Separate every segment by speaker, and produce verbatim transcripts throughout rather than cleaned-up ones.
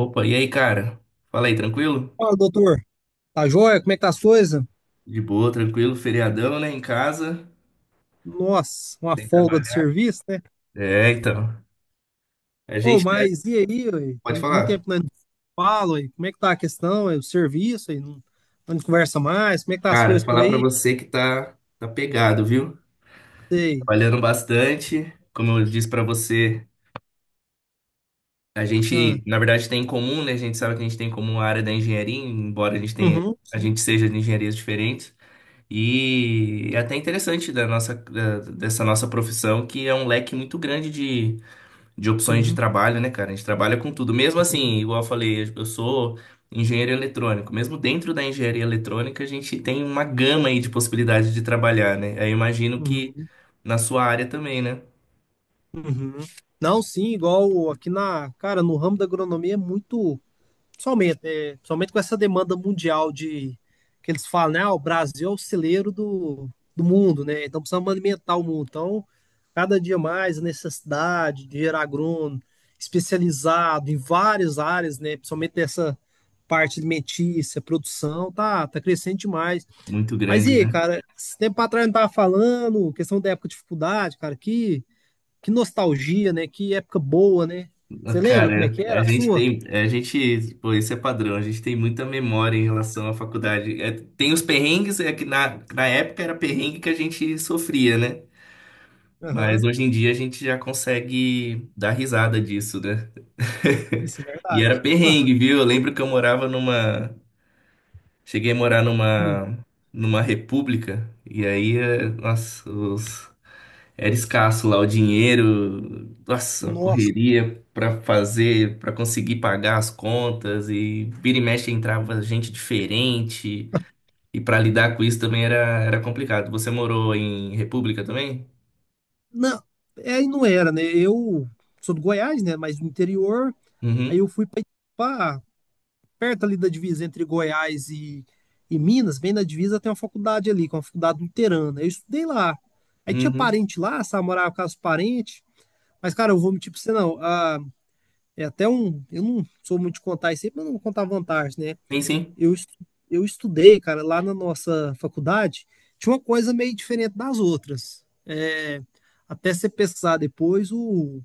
Speaker 1: Opa, e aí, cara? Fala aí, tranquilo?
Speaker 2: Fala, doutor. Tá joia? Como é que tá as coisas?
Speaker 1: De boa, tranquilo, feriadão, né? Em casa,
Speaker 2: Nossa, uma
Speaker 1: sem
Speaker 2: folga do
Speaker 1: trabalhar.
Speaker 2: serviço, né?
Speaker 1: É, então. A
Speaker 2: Ô,
Speaker 1: gente tá-
Speaker 2: mas e aí, ué? Tem
Speaker 1: pode
Speaker 2: muito
Speaker 1: falar.
Speaker 2: tempo que nós não falo, ué. Como é que tá a questão, ué? O serviço, ué? Não, não conversa mais? Como é que tá as
Speaker 1: Cara,
Speaker 2: coisas por
Speaker 1: falar pra
Speaker 2: aí?
Speaker 1: você que tá tá pegado, viu?
Speaker 2: Sei.
Speaker 1: Trabalhando bastante. Como eu disse pra você, a
Speaker 2: Ah,
Speaker 1: gente, na verdade, tem em comum, né? A gente sabe que a gente tem em comum a área da engenharia, embora a gente tenha,
Speaker 2: uhum,
Speaker 1: a
Speaker 2: sim,
Speaker 1: gente seja de engenharias diferentes. E é até interessante da nossa, da- dessa nossa profissão, que é um leque muito grande de opções de
Speaker 2: sim.
Speaker 1: trabalho, né, cara? A gente trabalha com tudo. Mesmo
Speaker 2: Uhum,
Speaker 1: assim, igual eu falei, eu sou engenheiro eletrônico. Mesmo dentro da engenharia eletrônica, a gente tem uma gama aí de possibilidades de trabalhar, né? Aí eu imagino que
Speaker 2: uhum,
Speaker 1: na sua área também, né?
Speaker 2: uhum. Não, sim, igual aqui na, cara, no ramo da agronomia é muito. Somente, é, somente com essa demanda mundial de que eles falam, né? Ah, o Brasil é o celeiro do, do mundo, né? Então precisamos alimentar o mundo. Então, cada dia mais a necessidade de gerar agrônomo especializado em várias áreas, né? Principalmente dessa parte alimentícia, produção, tá, tá crescendo demais.
Speaker 1: Muito
Speaker 2: Mas e
Speaker 1: grande,
Speaker 2: aí,
Speaker 1: né?
Speaker 2: cara, esse tempo atrás eu não tava falando, questão da época de dificuldade, cara, que, que nostalgia, né? Que época boa, né? Você lembra como é
Speaker 1: Cara,
Speaker 2: que era
Speaker 1: a
Speaker 2: a
Speaker 1: gente
Speaker 2: sua?
Speaker 1: tem, a gente, pô, isso é padrão, a gente tem muita memória em relação à faculdade. É, tem os perrengues, é que na, na época era perrengue que a gente sofria, né? Mas
Speaker 2: Aham,
Speaker 1: hoje em dia a gente já consegue dar risada disso, né?
Speaker 2: isso é
Speaker 1: E era
Speaker 2: verdade.
Speaker 1: perrengue, viu? Eu lembro que eu morava numa. Cheguei a morar
Speaker 2: Hum.
Speaker 1: numa. Numa república. E aí, eh, nossa, os- era escasso lá o dinheiro. Nossa, a
Speaker 2: Nossa,
Speaker 1: correria pra fazer, pra conseguir pagar as contas. E vira e mexe entrava gente diferente. E pra lidar com isso também era, era complicado. Você morou em república também?
Speaker 2: não, é, aí não era, né? Eu sou do Goiás, né? Mas do interior, aí
Speaker 1: Uhum.
Speaker 2: eu fui para perto ali da divisa entre Goiás e, e Minas, bem na divisa tem uma faculdade ali, que é uma faculdade luterana. Eu estudei lá. Aí tinha
Speaker 1: Uhum.
Speaker 2: parente lá, sabe? Morava com os parentes. Mas, cara, eu vou mentir pra você, não. Ah, é até um. Eu não sou muito de contar isso aí, mas eu não vou contar vantagem, né?
Speaker 1: Sim, sim.
Speaker 2: eu, estu- eu estudei, cara, lá na nossa faculdade, tinha uma coisa meio diferente das outras. É, até você pesquisar depois, o,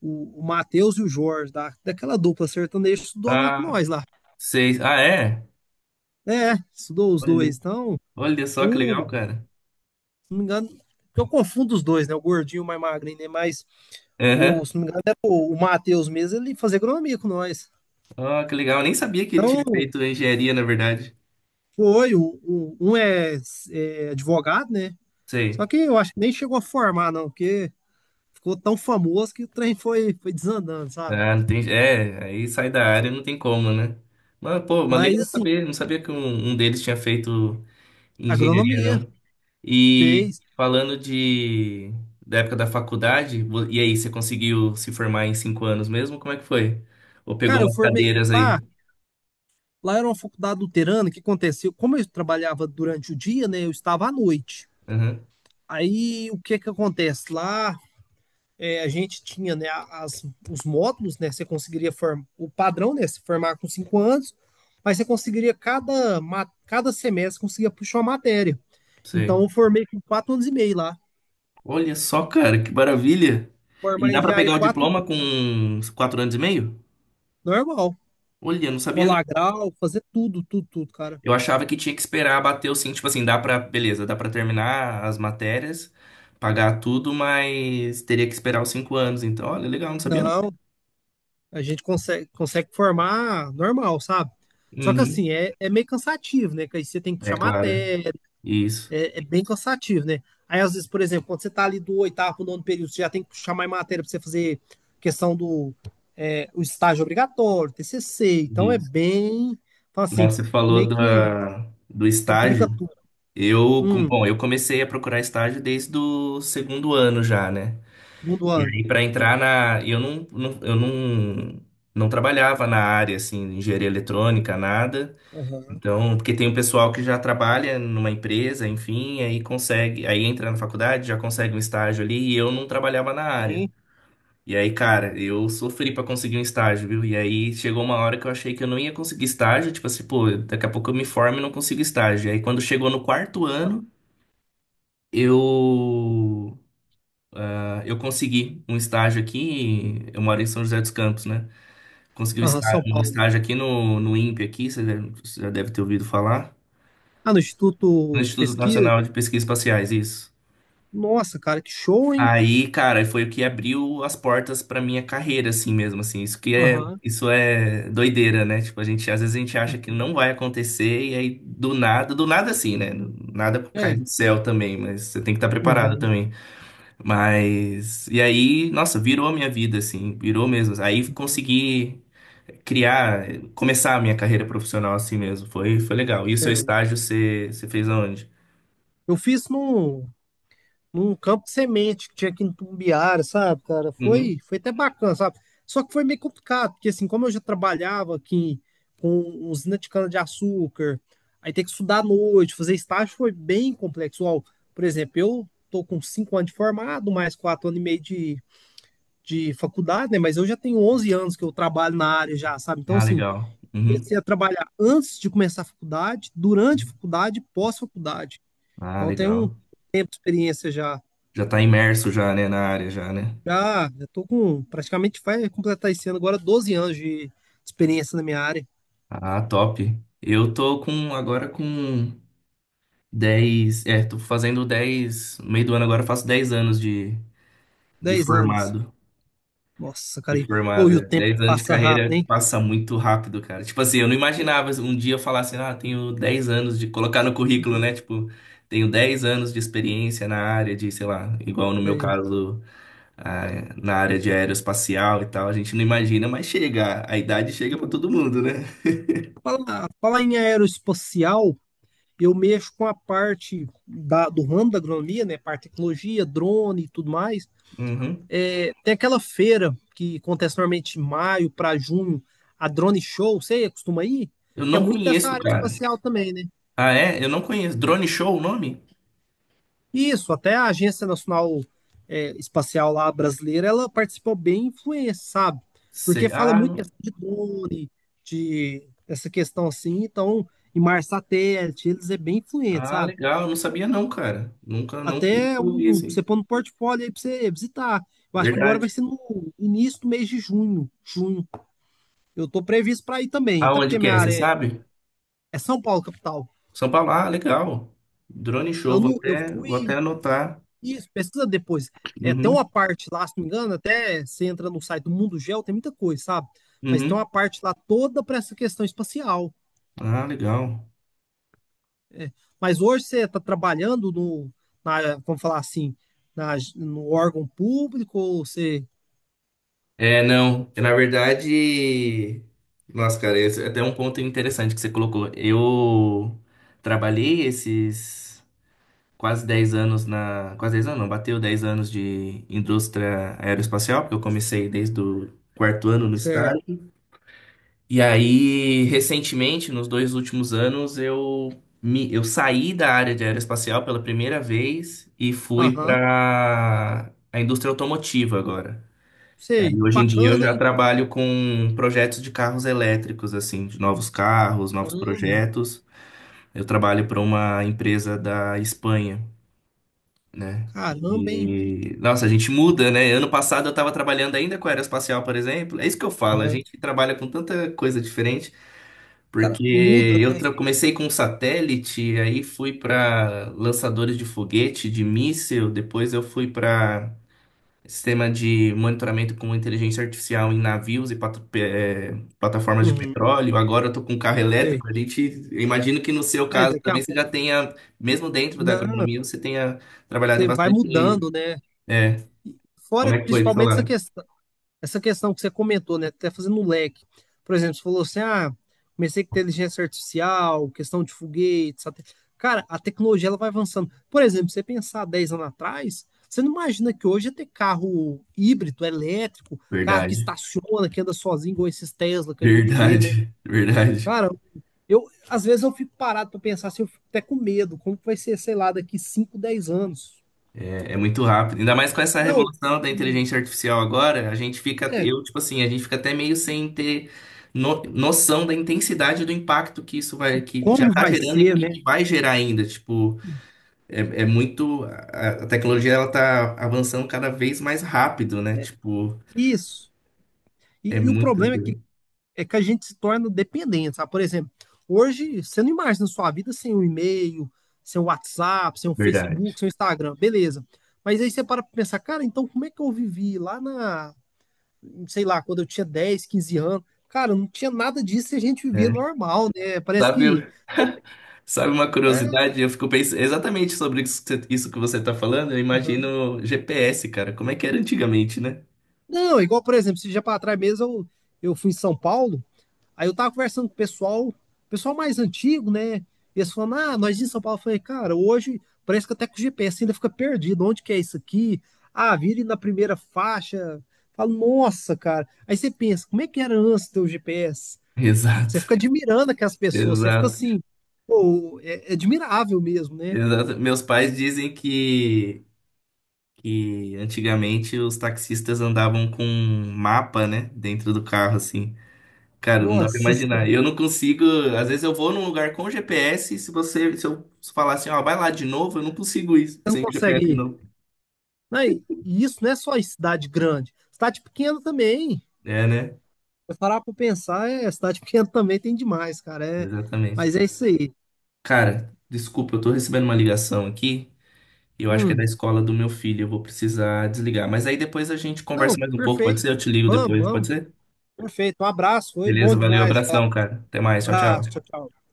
Speaker 2: o, o Matheus e o Jorge, da, daquela dupla sertaneja, estudou lá com
Speaker 1: Ah,
Speaker 2: nós lá.
Speaker 1: sei. Ah, é?
Speaker 2: É, estudou os dois.
Speaker 1: Olha.
Speaker 2: Então,
Speaker 1: Olha só que legal,
Speaker 2: o, se
Speaker 1: cara.
Speaker 2: não me engano, eu confundo os dois, né? O gordinho e o mais magrinho, né? Mas, o,
Speaker 1: Aham.
Speaker 2: se não me engano, era o, o Matheus mesmo, ele fazia agronomia com nós.
Speaker 1: Ó, que legal. Eu nem sabia que ele tinha
Speaker 2: Então,
Speaker 1: feito engenharia, na verdade.
Speaker 2: foi, o, o- um é, é advogado, né? Só
Speaker 1: Sei.
Speaker 2: que eu acho que nem chegou a formar, não, porque ficou tão famoso que o trem foi, foi desandando, sabe?
Speaker 1: Ah, não tem... É, aí sai da área, não tem como, né? Mas, pô, mas
Speaker 2: Mas,
Speaker 1: legal
Speaker 2: assim,
Speaker 1: saber. Não sabia que um, um deles tinha feito engenharia,
Speaker 2: agronomia
Speaker 1: não. E
Speaker 2: fez.
Speaker 1: falando de... da época da faculdade, vo- e aí, você conseguiu se formar em cinco anos mesmo? Como é que foi? Ou pegou
Speaker 2: Cara, eu
Speaker 1: umas
Speaker 2: formei
Speaker 1: cadeiras aí?
Speaker 2: lá, lá era uma faculdade luterana, o que aconteceu? Como eu trabalhava durante o dia, né, eu estava à noite.
Speaker 1: Aham,
Speaker 2: Aí, o que que acontece? Lá, é, a gente tinha, né, as, os módulos, né, você conseguiria formar, o padrão, né, se formar com cinco anos, mas você conseguiria, cada, ma- cada semestre, conseguia puxar uma matéria. Então,
Speaker 1: sei.
Speaker 2: eu formei com quatro anos e meio lá.
Speaker 1: Olha só, cara, que maravilha. E
Speaker 2: Formar
Speaker 1: dá pra
Speaker 2: engenharia em
Speaker 1: pegar o
Speaker 2: quatro, anos e
Speaker 1: diploma
Speaker 2: meio,
Speaker 1: com quatro anos e meio?
Speaker 2: normal.
Speaker 1: Olha, não sabia, não.
Speaker 2: Colar grau, fazer tudo, tudo, tudo, cara.
Speaker 1: Eu achava que tinha que esperar bater o sim, tipo assim, dá pra, beleza, dá pra terminar as matérias, pagar tudo, mas teria que esperar os cinco anos. Então, olha, legal, não sabia não.
Speaker 2: Não, a gente consegue, consegue, formar normal, sabe? Só que
Speaker 1: Uhum.
Speaker 2: assim, é, é meio cansativo, né? Que aí você tem que
Speaker 1: É
Speaker 2: puxar
Speaker 1: claro.
Speaker 2: matéria,
Speaker 1: Isso,
Speaker 2: é, é bem cansativo, né? Aí, às vezes, por exemplo, quando você tá ali do oitavo pro nono período, você já tem que puxar mais matéria pra você fazer questão do é, o estágio obrigatório, T C C. Então é
Speaker 1: isso.
Speaker 2: bem, fala assim,
Speaker 1: Nossa, você falou
Speaker 2: meio que
Speaker 1: da, do
Speaker 2: complica
Speaker 1: estágio.
Speaker 2: tudo.
Speaker 1: Eu, com-
Speaker 2: Hum.
Speaker 1: bom, eu comecei a procurar estágio desde o segundo ano já, né?
Speaker 2: Segundo
Speaker 1: E
Speaker 2: ano.
Speaker 1: aí, para entrar na. Eu não, não- eu não, não trabalhava na área, assim, engenharia eletrônica, nada.
Speaker 2: Aham,
Speaker 1: Então, porque tem um pessoal que já trabalha numa empresa, enfim, aí consegue, aí entra na faculdade, já consegue um estágio ali, e eu não trabalhava na área.
Speaker 2: sim.
Speaker 1: E aí, cara, eu sofri pra conseguir um estágio, viu? E aí chegou uma hora que eu achei que eu não ia conseguir estágio, tipo assim, pô, daqui a pouco eu me formo e não consigo estágio. E aí quando chegou no quarto
Speaker 2: Ah,
Speaker 1: ano, eu ah, eu consegui um estágio aqui, eu moro em São José dos Campos, né? Consegui um
Speaker 2: aham,
Speaker 1: estágio,
Speaker 2: São
Speaker 1: um
Speaker 2: Paulo.
Speaker 1: estágio aqui no, no imp e aqui, você deve- você já deve ter ouvido falar.
Speaker 2: Ah, no
Speaker 1: No
Speaker 2: Instituto de
Speaker 1: Instituto
Speaker 2: Pesquisa.
Speaker 1: Nacional de Pesquisas Espaciais, isso.
Speaker 2: Nossa, cara, que show, hein?
Speaker 1: Aí, cara, foi o que abriu as portas pra minha carreira, assim mesmo, assim. Isso que é,
Speaker 2: Aham,
Speaker 1: isso é doideira, né? Tipo, a gente, às vezes a gente acha que
Speaker 2: uhum.
Speaker 1: não vai acontecer e aí do nada, do nada assim, né? Nada cai
Speaker 2: É.
Speaker 1: do céu também, mas você tem que estar preparado
Speaker 2: Uhum,
Speaker 1: também. Mas e aí, nossa, virou a minha vida, assim, virou mesmo. Aí
Speaker 2: uhum,
Speaker 1: consegui criar, começar a minha carreira profissional assim mesmo. Foi, foi legal. E o seu
Speaker 2: certo.
Speaker 1: estágio você, você fez aonde?
Speaker 2: Eu fiz num, num, campo de semente que tinha aqui em Tumbiara, sabe, cara? Foi,
Speaker 1: Uhum.
Speaker 2: foi até bacana, sabe? Só que foi meio complicado, porque assim, como eu já trabalhava aqui com usina de cana-de-açúcar, aí ter que estudar à noite, fazer estágio foi bem complexo. Ó, por exemplo, eu tô com cinco anos de formado, mais quatro anos e meio de, de faculdade, né? Mas eu já tenho onze anos que eu trabalho na área já, sabe? Então,
Speaker 1: Ah,
Speaker 2: assim,
Speaker 1: legal. Uhum.
Speaker 2: comecei a trabalhar antes de começar a faculdade, durante a faculdade, e pós-faculdade.
Speaker 1: Ah,
Speaker 2: Então, eu tenho um
Speaker 1: legal.
Speaker 2: tempo de experiência já.
Speaker 1: Já tá imerso já, né, na área já, né?
Speaker 2: Já, estou com praticamente vai completar esse ano agora doze anos de experiência na minha área,
Speaker 1: Ah, top. Eu tô com agora com dez. É, tô fazendo dez no meio do ano, agora eu faço dez anos de, de
Speaker 2: dez anos.
Speaker 1: formado,
Speaker 2: Nossa,
Speaker 1: de
Speaker 2: cara, e- ou e o
Speaker 1: formada.
Speaker 2: tempo
Speaker 1: Dez anos de
Speaker 2: passa rápido,
Speaker 1: carreira
Speaker 2: hein?
Speaker 1: passa muito rápido, cara. Tipo assim, eu não imaginava um dia eu falar assim, ah, tenho dez anos de colocar no currículo,
Speaker 2: Uhum.
Speaker 1: né? Tipo, tenho dez anos de experiência na área de, sei lá, igual no meu
Speaker 2: Sei.
Speaker 1: caso ah, na área de aeroespacial e tal, a gente não imagina, mas chega, a idade chega pra todo
Speaker 2: Uhum.
Speaker 1: mundo, né?
Speaker 2: Falar, falar em aeroespacial, eu mexo com a parte da, do ramo da agronomia, né? Parte de tecnologia, drone e tudo mais.
Speaker 1: Uhum.
Speaker 2: É, tem aquela feira que acontece normalmente em maio para junho, a Drone Show, você costuma ir?
Speaker 1: Eu
Speaker 2: Que é
Speaker 1: não
Speaker 2: muito dessa
Speaker 1: conheço,
Speaker 2: área
Speaker 1: cara.
Speaker 2: espacial também, né?
Speaker 1: Ah, é? Eu não conheço. Drone Show o nome?
Speaker 2: Isso, até a Agência Nacional é, Espacial lá brasileira, ela participou bem influência, sabe? Porque
Speaker 1: Cê-
Speaker 2: fala
Speaker 1: Ah,
Speaker 2: muito
Speaker 1: não-
Speaker 2: questão de drone, de essa questão assim, então, em mar satélite, eles é bem influente,
Speaker 1: ah,
Speaker 2: sabe?
Speaker 1: legal, eu não sabia não, cara. Nunca, nunca,
Speaker 2: Até
Speaker 1: nunca ouvi
Speaker 2: um, pra você
Speaker 1: assim.
Speaker 2: pôr no portfólio aí pra você visitar. Eu acho que agora vai
Speaker 1: Verdade.
Speaker 2: ser no início do mês de junho, junho. Eu tô previsto para ir também, até porque
Speaker 1: Aonde que
Speaker 2: minha
Speaker 1: é, você
Speaker 2: área é,
Speaker 1: sabe?
Speaker 2: é São Paulo, capital.
Speaker 1: São Paulo, ah, legal. Drone Show,
Speaker 2: Eu,
Speaker 1: vou
Speaker 2: não- eu
Speaker 1: até, vou até
Speaker 2: fui.
Speaker 1: anotar.
Speaker 2: Isso, pesquisa depois. É, tem uma
Speaker 1: Uhum,
Speaker 2: parte lá, se não me engano, até você entra no site do Mundo Geo, tem muita coisa, sabe? Mas tem uma
Speaker 1: uhum.
Speaker 2: parte lá toda para essa questão espacial.
Speaker 1: Ah, legal.
Speaker 2: Mas hoje você está trabalhando no, na, vamos falar assim, na, no órgão público, ou você,
Speaker 1: É, não. Na verdade, nossa, cara, esse é até um ponto interessante que você colocou. Eu trabalhei esses quase dez anos na. Quase dez anos, não, bateu dez anos de indústria aeroespacial, porque eu comecei desde o quarto ano no
Speaker 2: você, é,
Speaker 1: estágio. E aí, recentemente, nos dois últimos anos, eu me, eu saí da área de aeroespacial pela primeira vez e fui
Speaker 2: aham,
Speaker 1: para a indústria automotiva agora. É, e
Speaker 2: sei,
Speaker 1: aí, hoje em dia
Speaker 2: bacana,
Speaker 1: eu já
Speaker 2: hein?
Speaker 1: trabalho com projetos de carros elétricos, assim, de novos carros, novos
Speaker 2: Caramba,
Speaker 1: projetos. Eu trabalho para uma empresa da Espanha, né?
Speaker 2: caramba, hein?
Speaker 1: E, nossa, a gente muda, né? Ano passado eu estava trabalhando ainda com aeroespacial, por exemplo. É isso que eu falo, a
Speaker 2: Aham.
Speaker 1: gente trabalha com tanta coisa diferente,
Speaker 2: Cara,
Speaker 1: porque
Speaker 2: muda,
Speaker 1: eu
Speaker 2: né?
Speaker 1: tra- comecei com um satélite, aí fui para lançadores de foguete, de míssil, depois eu fui para sistema de monitoramento com inteligência artificial em navios e pat- pe- eh, plataformas de
Speaker 2: Uhum,
Speaker 1: petróleo. Agora eu tô com um carro
Speaker 2: sei.
Speaker 1: elétrico. A gente, eu imagino que no seu
Speaker 2: Aí
Speaker 1: caso
Speaker 2: daqui a
Speaker 1: também você
Speaker 2: pouco.
Speaker 1: já tenha, mesmo dentro da
Speaker 2: Não.
Speaker 1: agronomia, você tenha trabalhado em
Speaker 2: Você vai
Speaker 1: bastante.
Speaker 2: mudando, né?
Speaker 1: É, como
Speaker 2: Fora
Speaker 1: é que foi do seu
Speaker 2: principalmente essa
Speaker 1: lado?
Speaker 2: questão, essa questão que você comentou, né? Até fazendo um leque. Por exemplo, você falou assim: ah, comecei com inteligência artificial, questão de foguetes. Satel- cara, a tecnologia ela vai avançando. Por exemplo, você pensar dez anos atrás, você não imagina que hoje ia ter carro híbrido, elétrico, carro que
Speaker 1: Verdade,
Speaker 2: estaciona, que anda sozinho, igual esses Tesla que a gente vê, né?
Speaker 1: verdade, verdade.
Speaker 2: Cara, eu às vezes eu fico parado para pensar se eu fico até com medo, como que vai ser, sei lá, daqui cinco, dez anos.
Speaker 1: É, é muito rápido. Ainda mais com essa
Speaker 2: Não.
Speaker 1: revolução da
Speaker 2: e-
Speaker 1: inteligência artificial agora, a gente fica,
Speaker 2: é,
Speaker 1: eu, tipo assim, a gente fica até meio sem ter no- noção da intensidade do impacto que isso vai, que já
Speaker 2: Como
Speaker 1: tá
Speaker 2: vai
Speaker 1: gerando e
Speaker 2: ser,
Speaker 1: que,
Speaker 2: né?
Speaker 1: que vai gerar ainda. Tipo, é, é muito, a, a tecnologia, ela tá avançando cada vez mais rápido, né? Tipo,
Speaker 2: Isso.
Speaker 1: é
Speaker 2: E, e o
Speaker 1: muita
Speaker 2: problema é que,
Speaker 1: coisa.
Speaker 2: é que a gente se torna dependente, sabe? Por exemplo, hoje você não imagina sua vida sem um e-mail, sem um WhatsApp, sem um Facebook,
Speaker 1: Verdade.
Speaker 2: sem um Instagram, beleza. Mas aí você para pra pensar, cara, então como é que eu vivi lá na, sei lá, quando eu tinha dez, quinze anos? Cara, não tinha nada disso e a gente vivia
Speaker 1: É.
Speaker 2: normal, né? Parece que.
Speaker 1: Sabe, sabe uma
Speaker 2: É,
Speaker 1: curiosidade? Eu fico pensando exatamente sobre isso que você isso que você tá falando, eu
Speaker 2: aham.
Speaker 1: imagino G P S, cara. Como é que era antigamente, né?
Speaker 2: Não, igual, por exemplo, esse dia para trás mesmo eu, eu fui em São Paulo. Aí eu tava conversando com o pessoal, pessoal mais antigo, né? Eles falando, ah, nós em São Paulo. Eu falei, cara, hoje parece que até com o G P S ainda fica perdido. Onde que é isso aqui? Ah, vire na primeira faixa. Falo, nossa, cara. Aí você pensa, como é que era antes ter o G P S? Você
Speaker 1: Exato.
Speaker 2: fica admirando aquelas pessoas, você fica
Speaker 1: Exato,
Speaker 2: assim, pô, é, é admirável mesmo, né?
Speaker 1: exato. Meus pais dizem que, que antigamente os taxistas andavam com um mapa, né, dentro do carro, assim. Cara, não dá pra
Speaker 2: Nossa,
Speaker 1: imaginar.
Speaker 2: senhora,
Speaker 1: Eu não consigo. Às vezes eu vou num lugar com G P S, e se você, se eu falar assim, ó, vai lá de novo, eu não consigo ir
Speaker 2: você não
Speaker 1: sem o
Speaker 2: consegue
Speaker 1: G P S de
Speaker 2: ir.
Speaker 1: novo.
Speaker 2: Não, e e isso não é só em cidade grande, cidade pequena também.
Speaker 1: É, né?
Speaker 2: Se parar pra pensar, é, cidade pequena também tem demais, cara. É,
Speaker 1: Exatamente.
Speaker 2: mas é isso aí.
Speaker 1: Cara, desculpa, eu tô recebendo uma ligação aqui. E eu acho que é da
Speaker 2: Hum,
Speaker 1: escola do meu filho. Eu vou precisar desligar. Mas aí depois a gente conversa
Speaker 2: não,
Speaker 1: mais um pouco, pode ser? Eu
Speaker 2: perfeito.
Speaker 1: te ligo
Speaker 2: Vamos,
Speaker 1: depois, pode
Speaker 2: vamos.
Speaker 1: ser?
Speaker 2: Perfeito. Um abraço, foi bom
Speaker 1: Beleza, valeu,
Speaker 2: demais falar.
Speaker 1: abração, cara. Até mais, tchau,
Speaker 2: Abraço, tchau,
Speaker 1: tchau.
Speaker 2: tchau.